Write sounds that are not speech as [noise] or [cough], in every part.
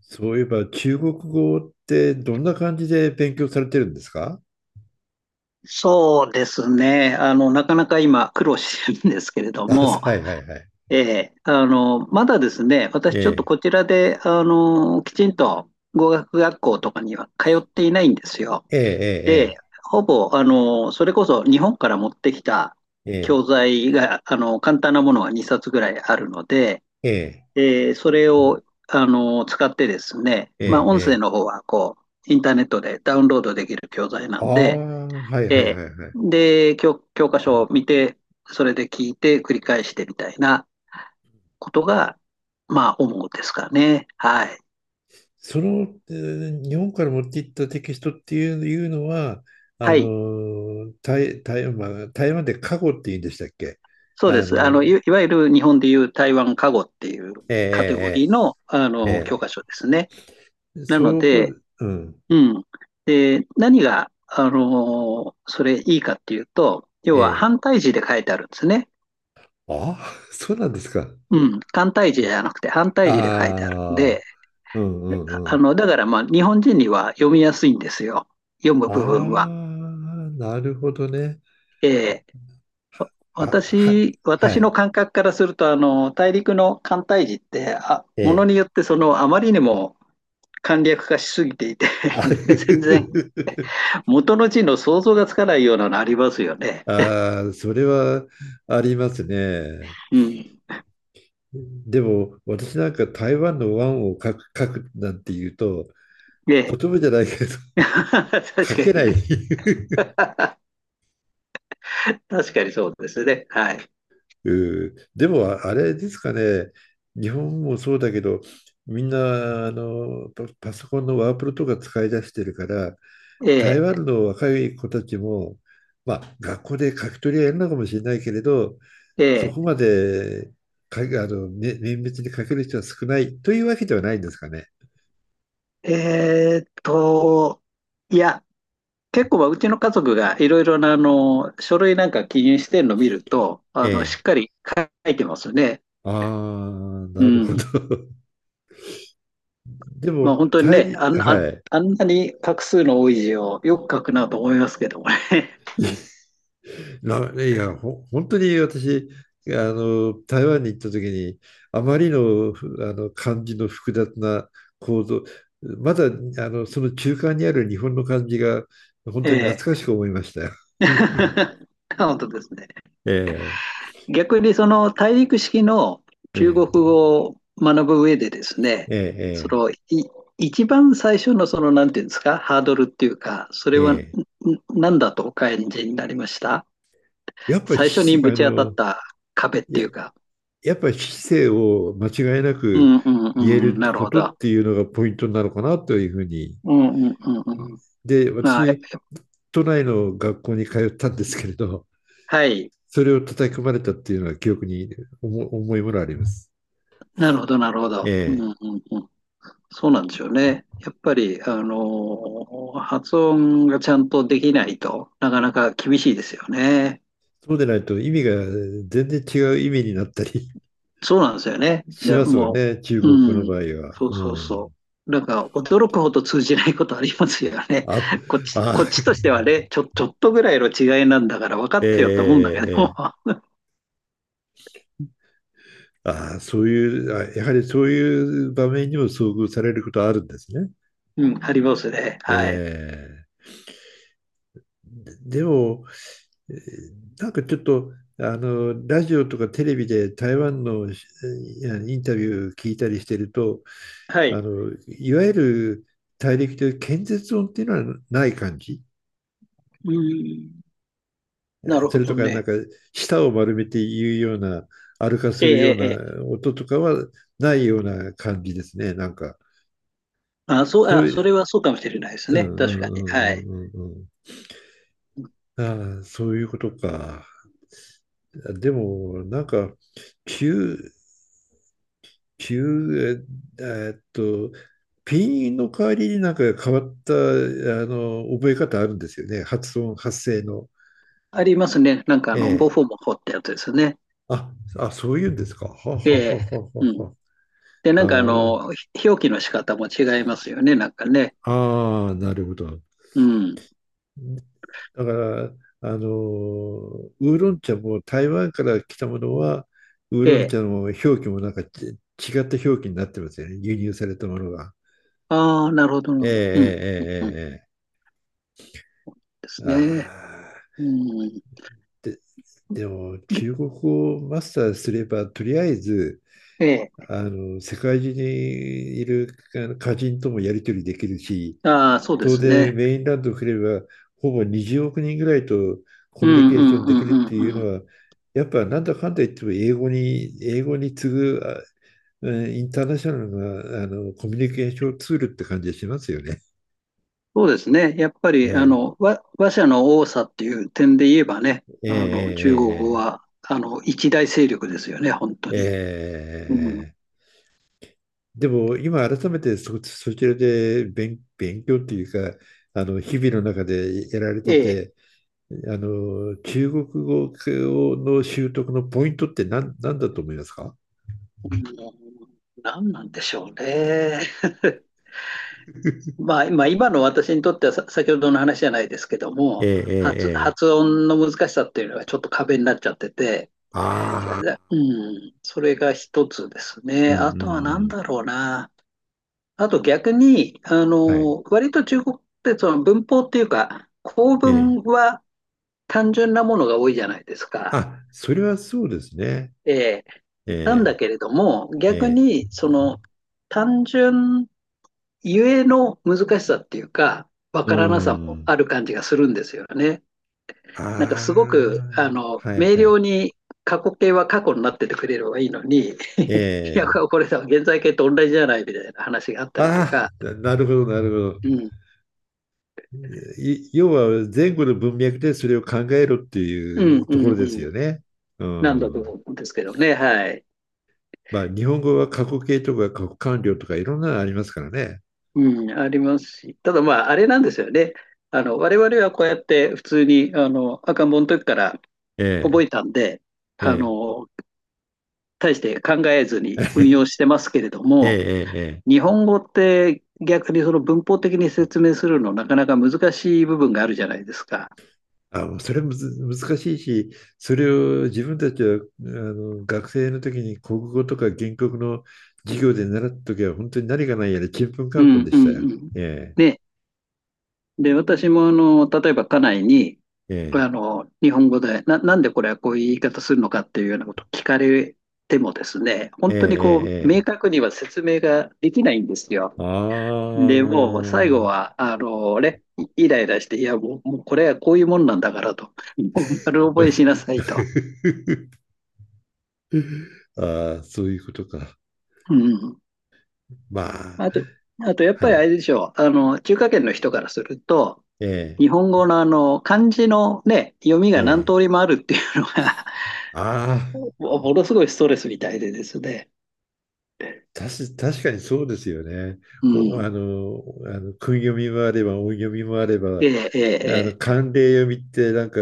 そういえば中国語ってどんな感じで勉強されてるんですか？ そうですね。なかなか今苦労してるんですけれ [laughs] どあ、そも、う、はいはいはい。ええ、まだですね、私えちょっとえ、こちらで、きちんと語学学校とかには通っていないんですよ。えで、え、ほぼ、それこそ日本から持ってきたええ、教ええ、材が、簡単なものが2冊ぐらいあるので、ええ、それを、使ってですね、ええ、まあ、音声えのえ。方は、こう、インターネットでダウンロードできる教材なああ、んで、はいはいえーはいはい。で、教科書を見て、それで聞いて、繰り返してみたいなことが、まあ、主ですかね。はい。その、日本から持っていったテキストっていうのは、はい。台湾、まあ台湾で過去って言うんでしたっけ？そうであす。の、いわゆる日本でいう台湾カゴっていうえカテゴリーの、え、ええ、教え科書ですね。え、ええ、なのそこ、で、うん、うん。で、何が、それいいかっていうと、要えはえ、反対字で書いてあるんですね。ああ。[laughs] そうなんですか。うん。単体字じゃなくて反対字で書いてあるんああ、で、うんうんうん。だからまあ、日本人には読みやすいんですよ。読むあ部分は。あ、なるほどね。ええ、あ、は、私、は私のい。感覚からすると、大陸の寒帯字って、あ、えものえ。によってその、あまりにも簡略化しすぎていて、あ [laughs] なんか全然元の字の想像がつかないようなのありますよ [laughs] ね。あー、それはありますね。うん。でも、私なんか台湾の湾を書くなんて言うと、えとえ。 てもじゃないけど、[laughs] [laughs] 確書かけにない。 ね。[laughs] [laughs] 確かにそうですね。はい。うん。でも、あれですかね。日本もそうだけど、みんな、パソコンのワープロとか使い出してるから、台え湾の若い子たちも、まあ、学校で書き取りはやるのかもしれないけれど、そええこまでかね、綿密に書ける人は少ないというわけではないんですかね。ええーっと、いや、結構はうちの家族がいろいろなあの書類なんか記入してるのを見ると、えあのしえ。っかり書いてますよね。ああ、うなるほど。ん。[laughs] でまあも、本当に対ね、に、はい。あんなに画数の多い字をよく書くなと思いますけどもね。ないや、ほ、本当に私、台湾に行った時に、あまりの、ふ漢字の複雑な構造、まだその中間にある日本の漢字が [laughs] 本え当に懐かえ。しく思いましたよ。[laughs] [laughs] 本当ですね。ええ、逆にその大陸式のえ中え、国語を学ぶ上でですね、えそえ、のい一番最初のそのなんていうんですか、ハードルっていうか、それえはえ。何だとお感じになりました。やっぱり最初にし、あぶち当たっの、た壁ってや、いうか。やっぱり市を間違いなうくんうんう言えん、るなるこほとど。っていうのがポイントなのかなというふうに。うんうんうんうん。で、まあ、私、都内の学校に通ったんですけれど、はい。それを叩き込まれたっていうのは記憶に重いものあります。なるほど、なるほえど。うんうえ。んうん。そうなんですよね。やっぱり、発音がちゃんとできないとなかなか厳しいですよね。そうでないと意味が全然違う意味になったりそうなんですよね。しでますよもね、中う、国語のうん、場合は。そうそううん。そう。なんか驚くほど通じないことありますよね。あ、こっち、こあ、っちとしてはね、ちょっとぐらいの違いなんだから分か [laughs] ってよって思ええうんだけど。ええ。そういう、やはりそういう場面にも遭遇されることあるんですね。うん、ありますね。えはい。え。でも、えーなんかちょっと、ラジオとかテレビで台湾のインタビュー聞いたりしてると、はい。いわゆる大陸という建設音っていうのはない感じ。うん。なるそほれとどか、なんね。か、舌を丸めて言うような、歩かすええ、るようええ。ええ、な音とかはないような感じですね、なんか。あ、そう、そうあ、いそれう、はそうかもしれないですうね。んう確かに。んうはい。んうんうんうん、ああ、そういうことか。でも、なんか、急、急、ええーっと、ピンの代わりになんか変わった、覚え方あるんですよね。発音、発声の。ありますね。なんかえボえ。フォモ法ってやつですね。あ、そういうんですか。ははええ。はははうん。は。で、あなんかー表記の仕方も違いますよね。なんかね。なるほど。うん。だから、ウーロン茶も台湾から来たものは、ウーえロンえ。茶の表記もなんか違った表記になってますよね。輸入されたものが。ああ、なるほど、なるえええほど。うん、うん、うん。うんえええええ、ですあね。あ、うん。で、でも中国語をマスターすれば、とりあえず、ええ。世界中にいるあの歌人ともやり取りできるし、ああ、そうで当す然ね。メインランドを振れば、ほぼ20億人ぐらいとコうん、ミュニケうーションん、うできるっん、ていううのん、は、やっぱなんだかんだ言っても英語に次ぐ、インターナショナルなあのコミュニケーションツールって感じがしますよね。そうですね。やっぱり、え話者の多さっていう点で言えばね、ええ中国語えええは、一大勢力ですよね、本当に。えうん。えええ、でも今改めてそちらで勉強っていうか、あの日々の中でやられえてえ。て、中国語の習得のポイントって何だと思いますか？うん、何なんでしょうね。[laughs] まあ、まあ、今の私にとってはさ、先ほどの話じゃないですけどえも、え、発、ええ、ええ、発音の難しさっていうのがちょっと壁になっちゃってて、ああ、うん、それが一つですうね。ん、うん、うあとは何ん。だろうな。あと逆に、はい。割と中国ってその文法っていうか、構え文え、は単純なものが多いじゃないですか。あ、それはそうですね。えーなんだえけれども、え、逆ええ、にその単純ゆえの難しさっていうか、わうからなさもん。ある感じがするんですよね。あなんかすごく、あ、は明いは瞭い。に過去形は過去になっててくれればいいのに、[laughs] いや、ええ。これさ、現在形と同じじゃないみたいな話があったりとあか、あ、なるほど、なるほうど。ん、要は前後の文脈でそれを考えろってういん、ううとこん、ろうですよん。ね。うなんだとん。思うんですけどね。はい。まあ、日本語は過去形とか過去完了とかいろんなのありますからね。うん、ありますし。ただまあ、あれなんですよね。我々はこうやって普通に、赤ん坊の時から覚ええたんで、え、えあえ、の、大して考えず [laughs] えにえ、え運用してますけれども、え。ええ日本語って逆にその文法的に説明するのなかなか難しい部分があるじゃないですか。あ、もうそれむず難しいし、それを自分たちはあの学生の時に国語とか原告の授業で習った時は本当に何がないやらちんぷんかうんぷんんでうしんたよ。うん。えね。で、私もあの、例えば家内に、え、日本語で、なんでこれはこういう言い方するのかっていうようなことを聞かれてもですね、ええ、本え当にこう、え、ええ。明ええ、確には説明ができないんですよ。あで、もう最後あ。は、ね、イライラして、いや、もう、もうこれはこういうもんなんだからと、もう丸覚えしなさいと。[laughs] ああ、そういうことか。うん。まあ、あと、あとやっぱはりあれい。でしょう、中華圏の人からすると、え日本語のあの、漢字のね、読みえ、がえ何え。通りもあるっていうのがああ。もものすごいストレスみたいでですね。確かにそうですよね。うお、あん。の、あの、訓読みもあれば、音読みもあれば、ええ、ええ、ええ、慣例読みってなんか、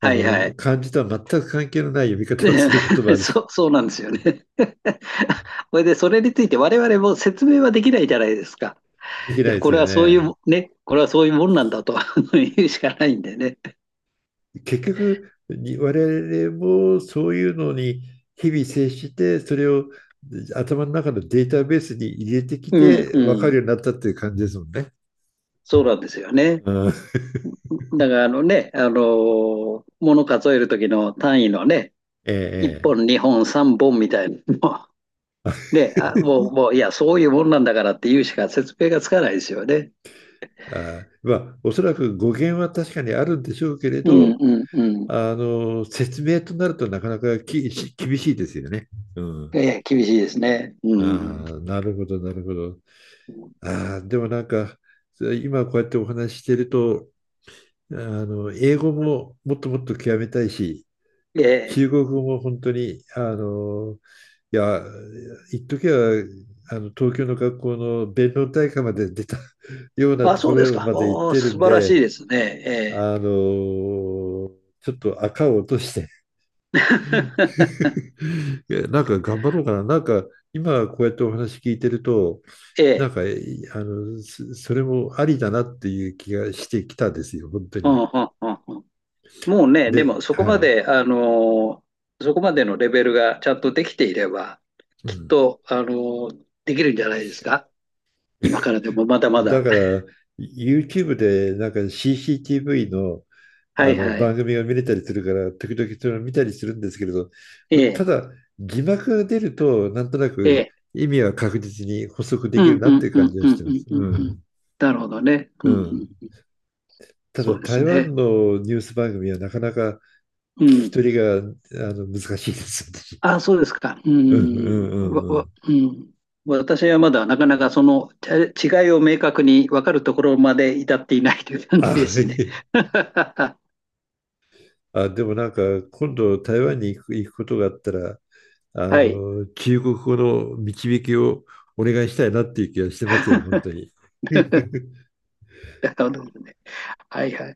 はいはい。漢字とは全く関係のない読み方をすることもあで、 [laughs] るし、そうなんですよね。[laughs] これで、それについて我々も説明はできないじゃないですか。できいないや、でこすれよはそういうね。も、ね、これはそういうもんなんだと [laughs] 言うしかないんでね。結局、我々もそういうのに日々接して、それを頭の中のデータベースに入れてきうん、て、う分かるよん。うになったっていう感じですもんね。そうなんですよね。うん、だから、あのね、あの物数える時の単位のね、ええ、1ええ。本、2本、3本みたいなのも、ね、[laughs] あ、もう、もう、いや、そういうもんなんだからって言うしか説明がつかないですよね。あー、まあ、おそらく語源は確かにあるんでしょうけれうんど、うんうん。説明となるとなかなか厳しいですよね。うん。ええ、厳しいですね。うん。ああ、なるほど、なるほど。ああ、でもなんか、今こうやってお話ししてると、英語ももっともっと極めたいし、ええ。中国語も本当に、いや、一時は、東京の学校の弁論大会まで出た [laughs] ようなあ、とこそうですろか。まで行っおー、てる素ん晴らしいで、ですね。ええ。あの、ちょっと赤を落として [laughs] いや、なんか頑張ろうかな。なんか今こうやってお話聞いてると、[laughs] えなんえ。か、それもありだなっていう気がしてきたですよ、本当うに。んうんうんうん。もうね、でもで、そこまはい。で、そこまでのレベルがちゃんとできていれば、うきっん。と、できるんじゃないですか。今からでもまだまだだ。か [laughs] ら、YouTube でなんか CCTV の、はあいのは番い。組が見れたりするから、時々それを見たりするんですけれど、えたえ。だ、字幕が出ると、なんとなえくえ。意味は確実に補足でうきるんなうってんいうう感んじはうしんてうます。んうんううん。ん。なるほどね。ううんうん。ん。ただそうです台ね。湾のニュース番組はなかなかう聞きん。取りが難しいです私、あ、そうですか。ううんうんん。うんうん。うん。私はまだなかなかその違いを明確に分かるところまで至っていないという感じあ、ではすね。い。[laughs] あ、でもなんか今度台湾に行くことがあったら、はい。中国語の導きをお願いしたいなっていう気がしてますよ、本当 [laughs] に。[laughs] なるほどね。はいはい。